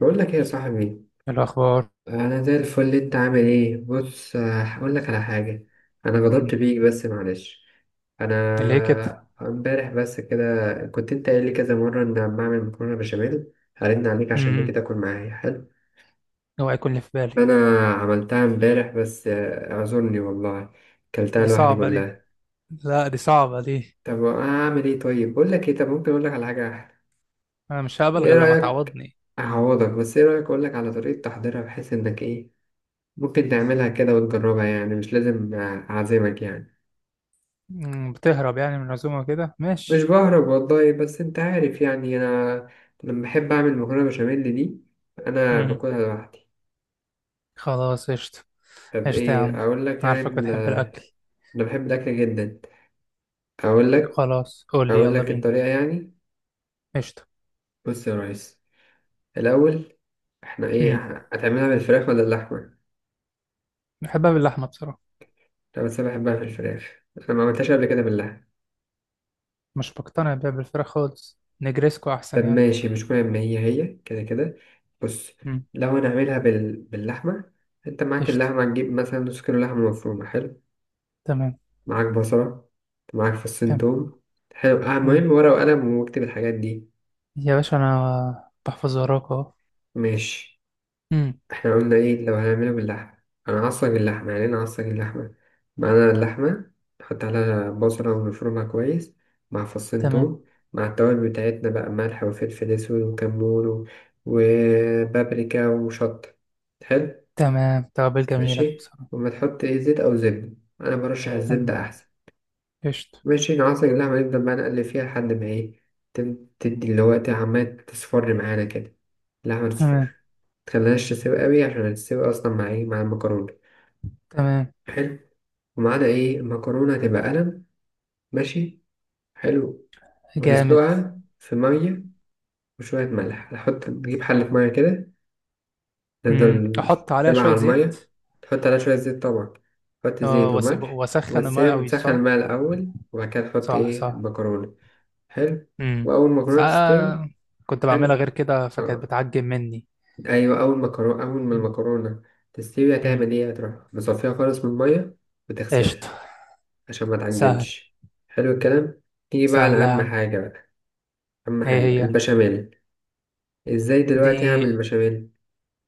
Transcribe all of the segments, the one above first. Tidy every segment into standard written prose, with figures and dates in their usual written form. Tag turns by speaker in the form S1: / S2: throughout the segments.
S1: بقول لك ايه يا صاحبي.
S2: إيه الأخبار؟
S1: انا زي الفل، انت عامل ايه؟ بص، هقول لك على حاجه. انا
S2: مم.
S1: غضبت بيك بس معلش.
S2: ليه كده؟
S1: انا امبارح بس كده، كنت انت قايل لي كذا مره ان لما اعمل مكرونه بشاميل هرن عليك، عشان ليه
S2: مم.
S1: كده تاكل معايا، حلو.
S2: اوعى يكون اللي في بالي.
S1: انا عملتها امبارح بس اعذرني والله، كلتها
S2: دي
S1: لوحدي
S2: صعبة دي.
S1: كلها.
S2: لا، دي صعبة دي.
S1: طب اعمل ايه؟ طيب، بقول لك ايه؟ طب ممكن اقول لك على حاجه احلى؟
S2: أنا مش هقبل
S1: ايه
S2: غير لما
S1: رايك
S2: تعوضني.
S1: اعوضك، بس ايه رايك اقول لك على طريقه تحضيرها، بحيث انك ايه، ممكن تعملها كده وتجربها، يعني مش لازم أعزمك يعني.
S2: مم. بتهرب يعني من العزومة كده،
S1: مش
S2: ماشي.
S1: بهرب والله، بس أنت عارف يعني، أنا لما بحب أعمل مكرونة بشاميل دي، أنا
S2: مم.
S1: باكلها لوحدي.
S2: خلاص، قشطة.
S1: طب
S2: قشطة يا عم.
S1: إيه أقول لك يعني
S2: عارفك
S1: ال-،
S2: بتحب الأكل.
S1: أنا بحب الأكل جدا. أقول لك،
S2: خلاص قول لي،
S1: أقول
S2: يلا
S1: لك
S2: بينا.
S1: الطريقة يعني.
S2: قشطة.
S1: بص يا ريس، الأول إحنا إيه،
S2: مم.
S1: هتعملها بالفراخ ولا اللحمة؟
S2: بحبها باللحمة بصراحة.
S1: أنا بس بحبها في الفراخ، أنا ما عملتهاش قبل كده باللحمة.
S2: مش بقتنع بيها بالفراخ خالص، نجريسكو
S1: طب
S2: أحسن يعني.
S1: ماشي، مش مهم، هي هي كده كده. بص،
S2: مم.
S1: لو هنعملها باللحمة، انت معاك
S2: قشطة.
S1: اللحمة، هتجيب مثلا نص كيلو لحمة مفرومة، حلو.
S2: تمام.
S1: معاك بصلة، معاك فصين
S2: تمام.
S1: توم. حلو،
S2: تمام.
S1: مهم ورقة وقلم واكتب الحاجات دي.
S2: يا باشا أنا بحفظ وراك أهو.
S1: ماشي.
S2: مم.
S1: احنا قلنا ايه لو هنعمله باللحمة؟ انا هعصج اللحمة، يعني انا هعصج اللحمة. معانا اللحمة، نحط عليها بصلة ونفرمها كويس، مع فصين
S2: تمام.
S1: توم، مع التوابل بتاعتنا بقى، ملح وفلفل اسود وكمون وبابريكا وشطة. حلو.
S2: تمام. توابل جميلة دي
S1: ماشي،
S2: بصراحة.
S1: وما تحط ايه زيت او زبدة، انا برشح
S2: تمام.
S1: الزبدة احسن.
S2: قشطة.
S1: ماشي، نعصر اللحمة، نفضل بقى نقلب فيها لحد ما ايه، تدي اللي هو إيه، عمالة تصفر معانا كده، اللحمة تصفر.
S2: تمام.
S1: متخليهاش تسيب قوي، عشان تسيب أصلا مع ايه، مع المكرونة.
S2: تمام.
S1: حلو، ومعانا ايه، المكرونة هتبقى قلم، ماشي، حلو.
S2: جامد.
S1: وتسلقها في مية وشوية ملح، نحط نجيب حلة مية كده، نفضل.
S2: احط عليها
S1: تبع
S2: شوية
S1: على المية،
S2: زيت.
S1: تحط عليها شوية زيت طبعا، تحط زيت
S2: اه،
S1: وملح.
S2: واسخن الماء
S1: وتسيب
S2: قوي،
S1: تسخن
S2: صح؟
S1: الماء الأول وبعد كده تحط
S2: صح،
S1: ايه
S2: صح.
S1: المكرونة. حلو،
S2: امم
S1: وأول ما المكرونة تستوي،
S2: ساعة. كنت بعملها
S1: حلو.
S2: غير كده فكانت
S1: آه.
S2: بتعجب مني.
S1: أيوة، أول ما المكرونة تستوي،
S2: امم.
S1: هتعمل إيه؟ هتروح مصفيها خالص من المية
S2: قشطة.
S1: وتغسلها عشان ما
S2: سهل.
S1: تعجنش. حلو الكلام. تيجي بقى على
S2: سهلة يا
S1: أهم
S2: عم.
S1: حاجة بقى، أهم
S2: ايه
S1: حاجة
S2: هي؟
S1: البشاميل. إزاي دلوقتي أعمل
S2: دقيق.
S1: البشاميل؟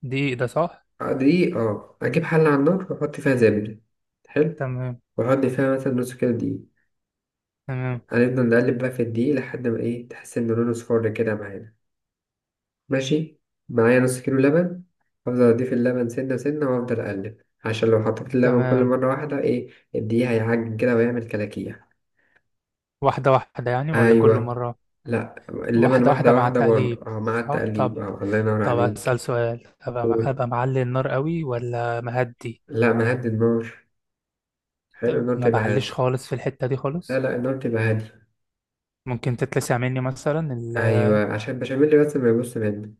S2: دقيق ده، صح.
S1: دقيق، أجيب حلة على النار وأحط فيها زبدة. حلو.
S2: تمام.
S1: وأحط فيها مثلا نص كيلو دقيق،
S2: تمام.
S1: هنفضل نقلب بقى في الدقيق لحد ما إيه، تحس إن لونه صفار كده معانا. ماشي. معايا نص كيلو لبن، أفضل أضيف اللبن سنة سنة وأفضل أقلب، عشان لو حطيت اللبن كل
S2: تمام.
S1: مرة واحدة إيه، الدقيق هيعجن كده ويعمل كلاكيع.
S2: واحدة واحدة يعني ولا كل
S1: أيوة.
S2: مرة؟
S1: لأ اللبن
S2: واحدة
S1: واحدة
S2: واحدة مع
S1: واحدة برضه،
S2: التقليب،
S1: مع
S2: صح. طب،
S1: التقليب، الله ينور
S2: طب أسأل
S1: عليك.
S2: سؤال، أبقى
S1: قول.
S2: أبقى معلي النار قوي ولا مهدي؟
S1: لأ مهدي النار، حلو،
S2: طب
S1: النار
S2: ما
S1: تبقى
S2: بعلش
S1: هادي.
S2: خالص في الحتة دي
S1: لا
S2: خالص.
S1: لا، النار تبقى هادي.
S2: ممكن تتلسع مني مثلا ال...
S1: أيوة، عشان البشاميل بس ما يبص منك.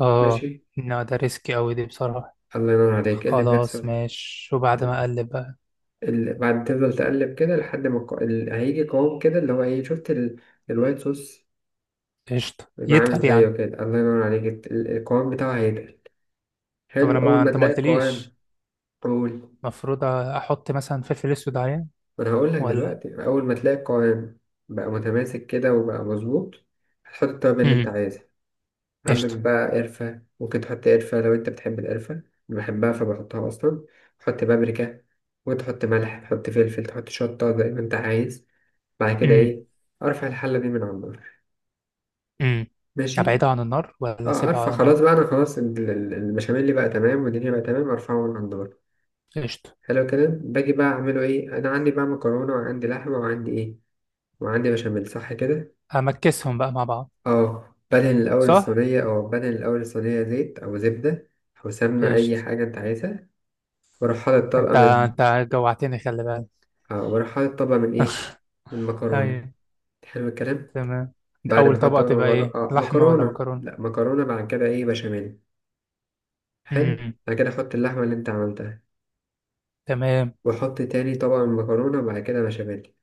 S2: اه،
S1: ماشي.
S2: لا ده ريسكي أوي دي بصراحة.
S1: الله ينور عليك، إيه اللي
S2: خلاص،
S1: بيحصل.
S2: ماشي. وبعد
S1: ت-
S2: ما أقلب بقى،
S1: بعد تفضل تقلب كده لحد ما هيجي قوام كده، اللي هو إيه، شفت الوايت صوص،
S2: قشطة.
S1: يبقى عامل
S2: يتقل
S1: زيه
S2: يعني.
S1: كده، الله ينور عليك. القوام بتاعه هيتقل.
S2: طب
S1: حلو،
S2: أنا،
S1: أول
S2: ما
S1: ما
S2: أنت ما
S1: تلاقي
S2: قلتليش،
S1: القوام. قول.
S2: المفروض أحط مثلا فلفل أسود عليه
S1: ما أنا هقول لك
S2: ولا؟
S1: دلوقتي، أول ما تلاقي القوام بقى متماسك كده وبقى مظبوط، هتحط التوابل اللي أنت
S2: امم.
S1: عايزها. عندك
S2: قشطة.
S1: بقى قرفة، ممكن تحط قرفة لو أنت بتحب القرفة، أنا بحبها فبحطها أصلا. تحط بابريكا، وتحط ملح، تحط فلفل، تحط شطة زي ما أنت عايز. بعد كده
S2: امم.
S1: إيه، أرفع الحلة دي من على النار.
S2: امم.
S1: ماشي.
S2: أبعدها عن النار ولا
S1: اه
S2: أسيبها
S1: ارفع
S2: على
S1: خلاص
S2: النار؟
S1: بقى، انا خلاص البشاميل اللي بقى تمام والدنيا بقى تمام، ارفعه من على النار.
S2: قشطة.
S1: حلو كده، باجي بقى اعمله ايه؟ انا عندي بقى مكرونه، وعندي لحمه، وعندي ايه، وعندي بشاميل، صح كده.
S2: همكسهم بقى مع بعض.
S1: اه بدهن الاول
S2: صح.
S1: الصينيه، او بدهن الاول الصينيه زيت او زبده او سمنه، اي
S2: قشطة.
S1: حاجه انت عايزها. واروح حاطط
S2: أنت
S1: طبقه من،
S2: أنت جوعتني، خلي بالك.
S1: اه واروح حاطط طبقه من ايه، من مكرونه.
S2: أيوة.
S1: حلو الكلام.
S2: تمام.
S1: بعد
S2: أول
S1: ما احط
S2: طبقة
S1: طبقه
S2: تبقى
S1: مكرونه،
S2: إيه،
S1: اه
S2: لحمة ولا
S1: مكرونه لا
S2: مكرونة؟
S1: مكرونه بعد كده ايه، بشاميل. حلو،
S2: امم.
S1: بعد كده احط اللحمه اللي انت عملتها،
S2: تمام.
S1: واحط تاني طبقه من مكرونه، وبعد كده بشاميل.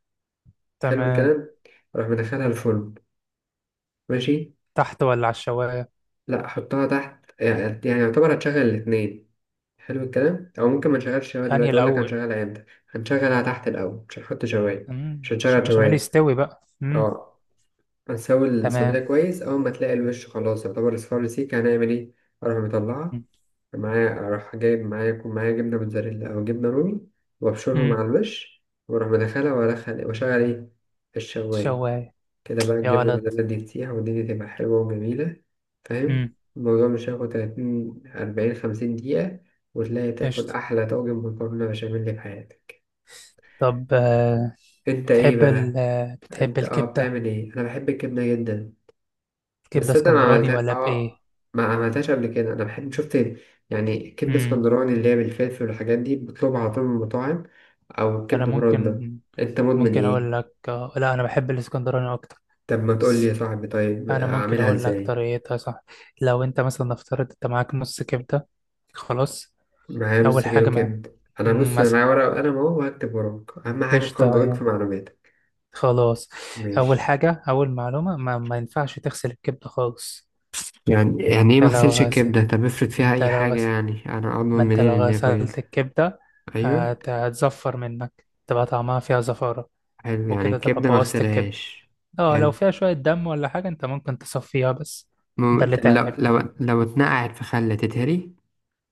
S1: حلو
S2: تمام.
S1: الكلام. اروح مدخلها الفرن، ماشي.
S2: تحت ولا على الشوايه؟
S1: لا حطها تحت، يعني يعتبر هتشغل الاتنين. حلو الكلام، او ممكن ما نشغلش شوايه
S2: انهي
S1: دلوقتي، اقول لك
S2: الاول؟
S1: هنشغلها امتى، هنشغلها تحت الاول، مش هنحط شوايه، مش
S2: عشان
S1: هنشغل
S2: البشاميل
S1: شوايه.
S2: يستوي بقى. امم.
S1: اه. هنسوي الصينيه
S2: تمام.
S1: كويس، اول ما تلاقي الوش خلاص يعتبر اصفر رسيك، هنعمل ايه، اروح مطلعها. معايا، اروح جايب معايا، يكون معايا جبنه موتزاريلا او جبنه رومي، وابشرهم
S2: امم.
S1: على الوش، واروح مدخلها وادخل واشغل ايه، الشوايه.
S2: شوايه.
S1: كده بقى
S2: يا
S1: الجبنة
S2: ولد.
S1: الموتزاريلا دي تسيح، والدنيا تبقى حلوة وجميلة، فاهم.
S2: امم.
S1: الموضوع مش هياخد 30 40 50 دقيقة، وتلاقي تاكل
S2: قشطه.
S1: أحلى طاجن مكرونة بشاميل في حياتك.
S2: طب، آه،
S1: أنت إيه
S2: بتحب
S1: بقى؟
S2: ال آه، بتحب
S1: أنت
S2: الكبده؟
S1: بتعمل إيه؟ أنا بحب الجبنة جدا،
S2: الكبده
S1: بس أنا ما
S2: اسكندراني
S1: عملتها
S2: ولا بايه؟
S1: ما عملتهاش قبل كده. أنا بحب، شفت، يعني كبدة
S2: امم.
S1: اسكندراني، اللي هي بالفلفل والحاجات دي، بطلبها على طول من المطاعم، أو
S2: انا
S1: كبدة برده.
S2: ممكن...
S1: أنت مدمن
S2: ممكن اقول
S1: إيه؟
S2: لك آه، لا، انا بحب الاسكندراني اكتر.
S1: طب ما تقولي
S2: بس
S1: يا صاحبي، طيب
S2: انا ممكن
S1: أعملها
S2: اقول لك
S1: إزاي؟
S2: طريقتها، صح. لو انت مثلا افترضت انت معاك نص كبده، خلاص.
S1: معايا نص
S2: اول حاجه،
S1: كيلو
S2: مع،
S1: كبد، انا بص، انا معايا ورقه وقلم اهو وهكتب وراك، اهم حاجه
S2: قشطة
S1: تكون دقيق في
S2: يعني،
S1: معلوماتك.
S2: خلاص. أول
S1: ماشي.
S2: حاجة، أول معلومة، ما ينفعش تغسل الكبدة خالص.
S1: يعني ايه ما
S2: أنت لو
S1: اغسلش
S2: غسل
S1: الكبده؟ طب افرض فيها
S2: أنت
S1: اي
S2: لو
S1: حاجه،
S2: غسل
S1: يعني انا
S2: ما
S1: اضمن
S2: أنت
S1: منين
S2: لو
S1: ان هي
S2: غسلت
S1: كويسه.
S2: الكبدة،
S1: ايوه.
S2: هتزفر منك، تبقى طعمها فيها زفارة.
S1: حلو، يعني
S2: وكده تبقى
S1: الكبده ما
S2: بوظت الكبدة.
S1: اغسلهاش.
S2: اه، لو
S1: حلو.
S2: فيها شوية دم ولا حاجة أنت ممكن تصفيها بس. ده اللي
S1: طب
S2: تعمله.
S1: لو اتنقعت في خل تتهري.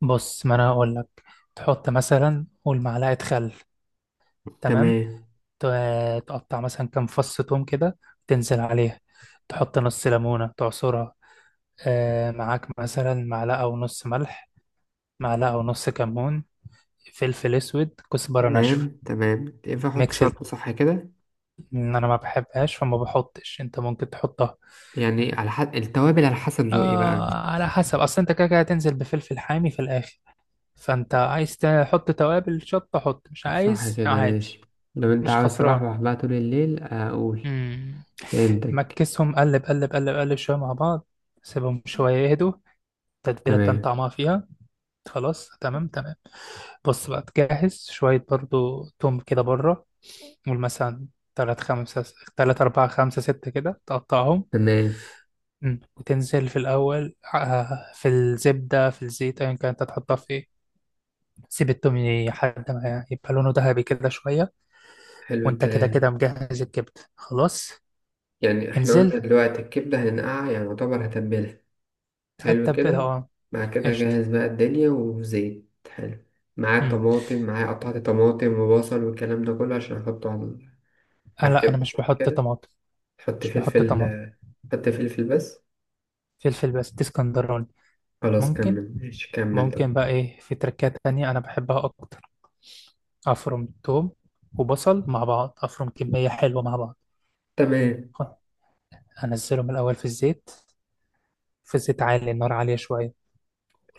S2: بص، ما أنا هقول لك. تحط مثلا قول معلقة خل، تمام.
S1: تمام
S2: تقطع مثلا كام فص توم كده، تنزل عليها. تحط نص ليمونة تعصرها. معاك مثلا معلقة ونص ملح، معلقة ونص كمون، فلفل أسود، كزبرة ناشفة.
S1: تمام تمام، ينفع احط
S2: ميكس ال-
S1: شطه صح كده؟
S2: إن أنا ما بحبهاش فما بحطش، أنت ممكن تحطها.
S1: يعني على حد التوابل، على حسب ذوقي بقى.
S2: آه، على حسب. أصل أنت كده كده هتنزل بفلفل حامي في الآخر. فأنت عايز تحط توابل شطة حط، مش
S1: صح
S2: عايز
S1: كده،
S2: عادي.
S1: ماشي. لو انت
S2: مش
S1: عاوز
S2: خسران.
S1: توحوح بقى طول الليل اقول.
S2: مم.
S1: فهمتك.
S2: مكسهم، قلب قلب قلب قلب شوية مع بعض. سيبهم شوية يهدوا، التتبيلة تبان
S1: تمام
S2: طعمها فيها. خلاص، تمام، تمام. بص بقى، تجهز شوية برضو توم كده بره. قول مثلا تلات خمسة تلات أربعة خمسة ستة كده، تقطعهم.
S1: تمام.
S2: مم. وتنزل في الأول، في الزبدة، في الزيت، أيا كان أنت تحطها في إيه. سيب التوم لحد ما يبقى لونه ذهبي كده شوية.
S1: حلو
S2: وأنت كده
S1: الكلام.
S2: كده مجهز الكبدة خلاص.
S1: يعني احنا قلنا
S2: انزل.
S1: دلوقتي الكبدة هننقعها، يعني يعتبر هتبلها. حلو
S2: هتتبلها،
S1: كده.
S2: أه.
S1: بعد كده
S2: قشطة.
S1: أجهز بقى الدنيا، وزيت حلو، معاه
S2: مم.
S1: طماطم، قطعة طماطم وبصل، والكلام ده كله عشان أحطه على،
S2: آه
S1: على
S2: لا، أنا
S1: الكبدة،
S2: مش
S1: صح
S2: بحط
S1: كده.
S2: طماطم.
S1: حط
S2: مش بحط
S1: فلفل.
S2: طماطم.
S1: حط فلفل بس.
S2: فلفل بس، دي اسكندراني.
S1: خلاص
S2: ممكن،
S1: كمل ماشي، كمل طيب.
S2: ممكن بقى، في تركات تانية أنا بحبها أكتر. افرم توم وبصل مع بعض، افرم كميه حلوه مع بعض.
S1: تمام.
S2: خ- انزلهم الاول في الزيت، في الزيت عالي النار، عاليه شويه.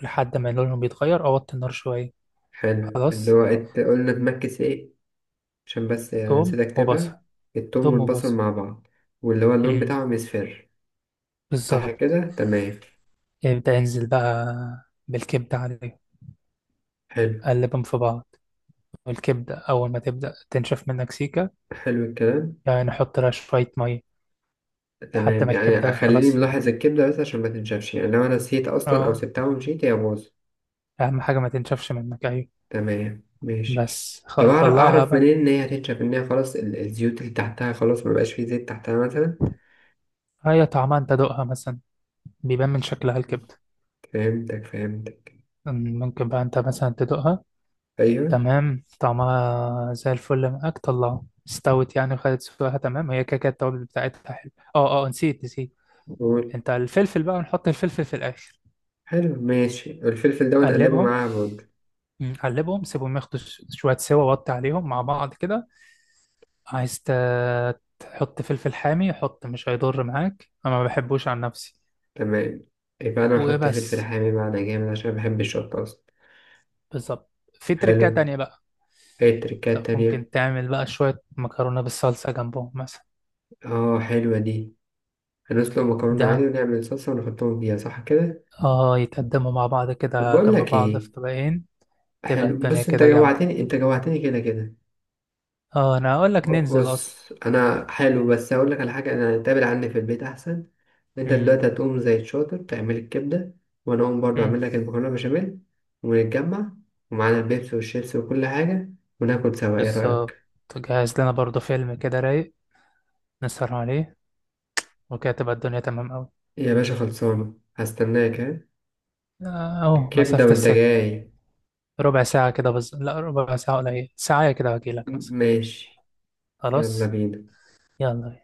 S2: لحد ما لونهم يتغير اوطي النار شويه.
S1: حلو، اللي
S2: خلاص.
S1: هو قلنا تمكس ايه، عشان بس يعني
S2: توم
S1: نسيت
S2: وبصل.
S1: اكتبها. التوم
S2: توم
S1: والبصل
S2: وبصل.
S1: مع بعض، واللي هو اللون
S2: امم.
S1: بتاعهم يصفر. صح
S2: بالظبط.
S1: كده، تمام.
S2: يبدا ينزل بقى بالكبده عليهم.
S1: حلو.
S2: قلبهم في بعض. والكبده اول ما تبدا تنشف منك، سيكه،
S1: حلو الكلام.
S2: يعني نحط لها شويه ميه لحد
S1: تمام،
S2: ما
S1: يعني
S2: الكبده
S1: خليني
S2: خلاص.
S1: ملاحظ الكبدة بس عشان ما تنشفش، يعني لو أنا نسيت أصلا أو
S2: اه.
S1: سبتها ومشيت هي باظت.
S2: اهم حاجه ما تنشفش منك، ايوه.
S1: تمام ماشي.
S2: بس
S1: طب أعرف
S2: طلعها بقى.
S1: منين إن هي هتنشف، إن هي خلاص الزيوت اللي تحتها خلاص مبقاش فيه زيت تحتها مثلا.
S2: هي طعمها انت دوقها مثلا، بيبان من شكلها الكبدة.
S1: فهمتك فهمتك.
S2: ممكن بقى انت مثلا تدوقها.
S1: أيوه.
S2: تمام. طعمها زي الفل، معاك طلعها، استوت يعني وخدت سواها. تمام. هي كده كده التوابل بتاعتها حلو. اه اه، نسيت نسيت.
S1: قول.
S2: انت الفلفل بقى، ونحط الفلفل في الاخر.
S1: حلو ماشي، الفلفل ده ونقلبه
S2: قلبهم.
S1: معاها برضه.
S2: مم، قلبهم سيبهم ياخدوا شوية سوا، وطي عليهم مع بعض كده. عايز ت- تحط فلفل حامي حط، مش هيضر معاك، انا ما بحبوش عن نفسي.
S1: تمام. يبقى أنا هحط فلفل
S2: وبس.
S1: حامي معانا جامد، عشان بحب الشطة أصلا.
S2: بالظبط. في تركات
S1: حلو.
S2: تانية بقى
S1: إيه التركات
S2: ممكن
S1: التانية؟
S2: تعمل بقى شوية مكرونة بالصلصة جنبهم مثلا.
S1: آه، حلوة دي. هنسلق مكرونة عادي
S2: ده،
S1: ونعمل صلصة ونحطهم فيها، صح كده؟
S2: اه، يتقدموا مع بعض
S1: طب
S2: كده
S1: بقول
S2: جنب
S1: لك
S2: بعض
S1: ايه،
S2: في طبقين. تبقى
S1: حلو،
S2: الدنيا
S1: بص انت
S2: كده جامدة.
S1: جوعتني، انت جوعتني كده كده.
S2: اه، انا اقول لك ننزل اصلا.
S1: بص انا حلو، بس هقول لك على حاجة، انا هتقابل عني في البيت احسن. انت
S2: امم.
S1: دلوقتي هتقوم زي الشاطر تعمل الكبدة، وانا اقوم برضه
S2: امم.
S1: اعمل لك المكرونة بشاميل، ونتجمع، ومعانا البيبسي والشيبسي وكل حاجة، وناكل سوا، ايه
S2: بالظبط.
S1: رأيك؟
S2: جهز لنا برضو فيلم كده رايق نسهر عليه، وكده تبقى الدنيا تمام اوي.
S1: يا باشا خلصانة، هستناك ها.
S2: آه، اهو
S1: الكبدة
S2: مسافة
S1: وانت
S2: السكة.
S1: جاي.
S2: ربع ساعة كده بالظبط. لا، ربع ساعة قليل، ساعة كده واجيلك مثلا.
S1: ماشي، يلا
S2: خلاص.
S1: بينا.
S2: يلا.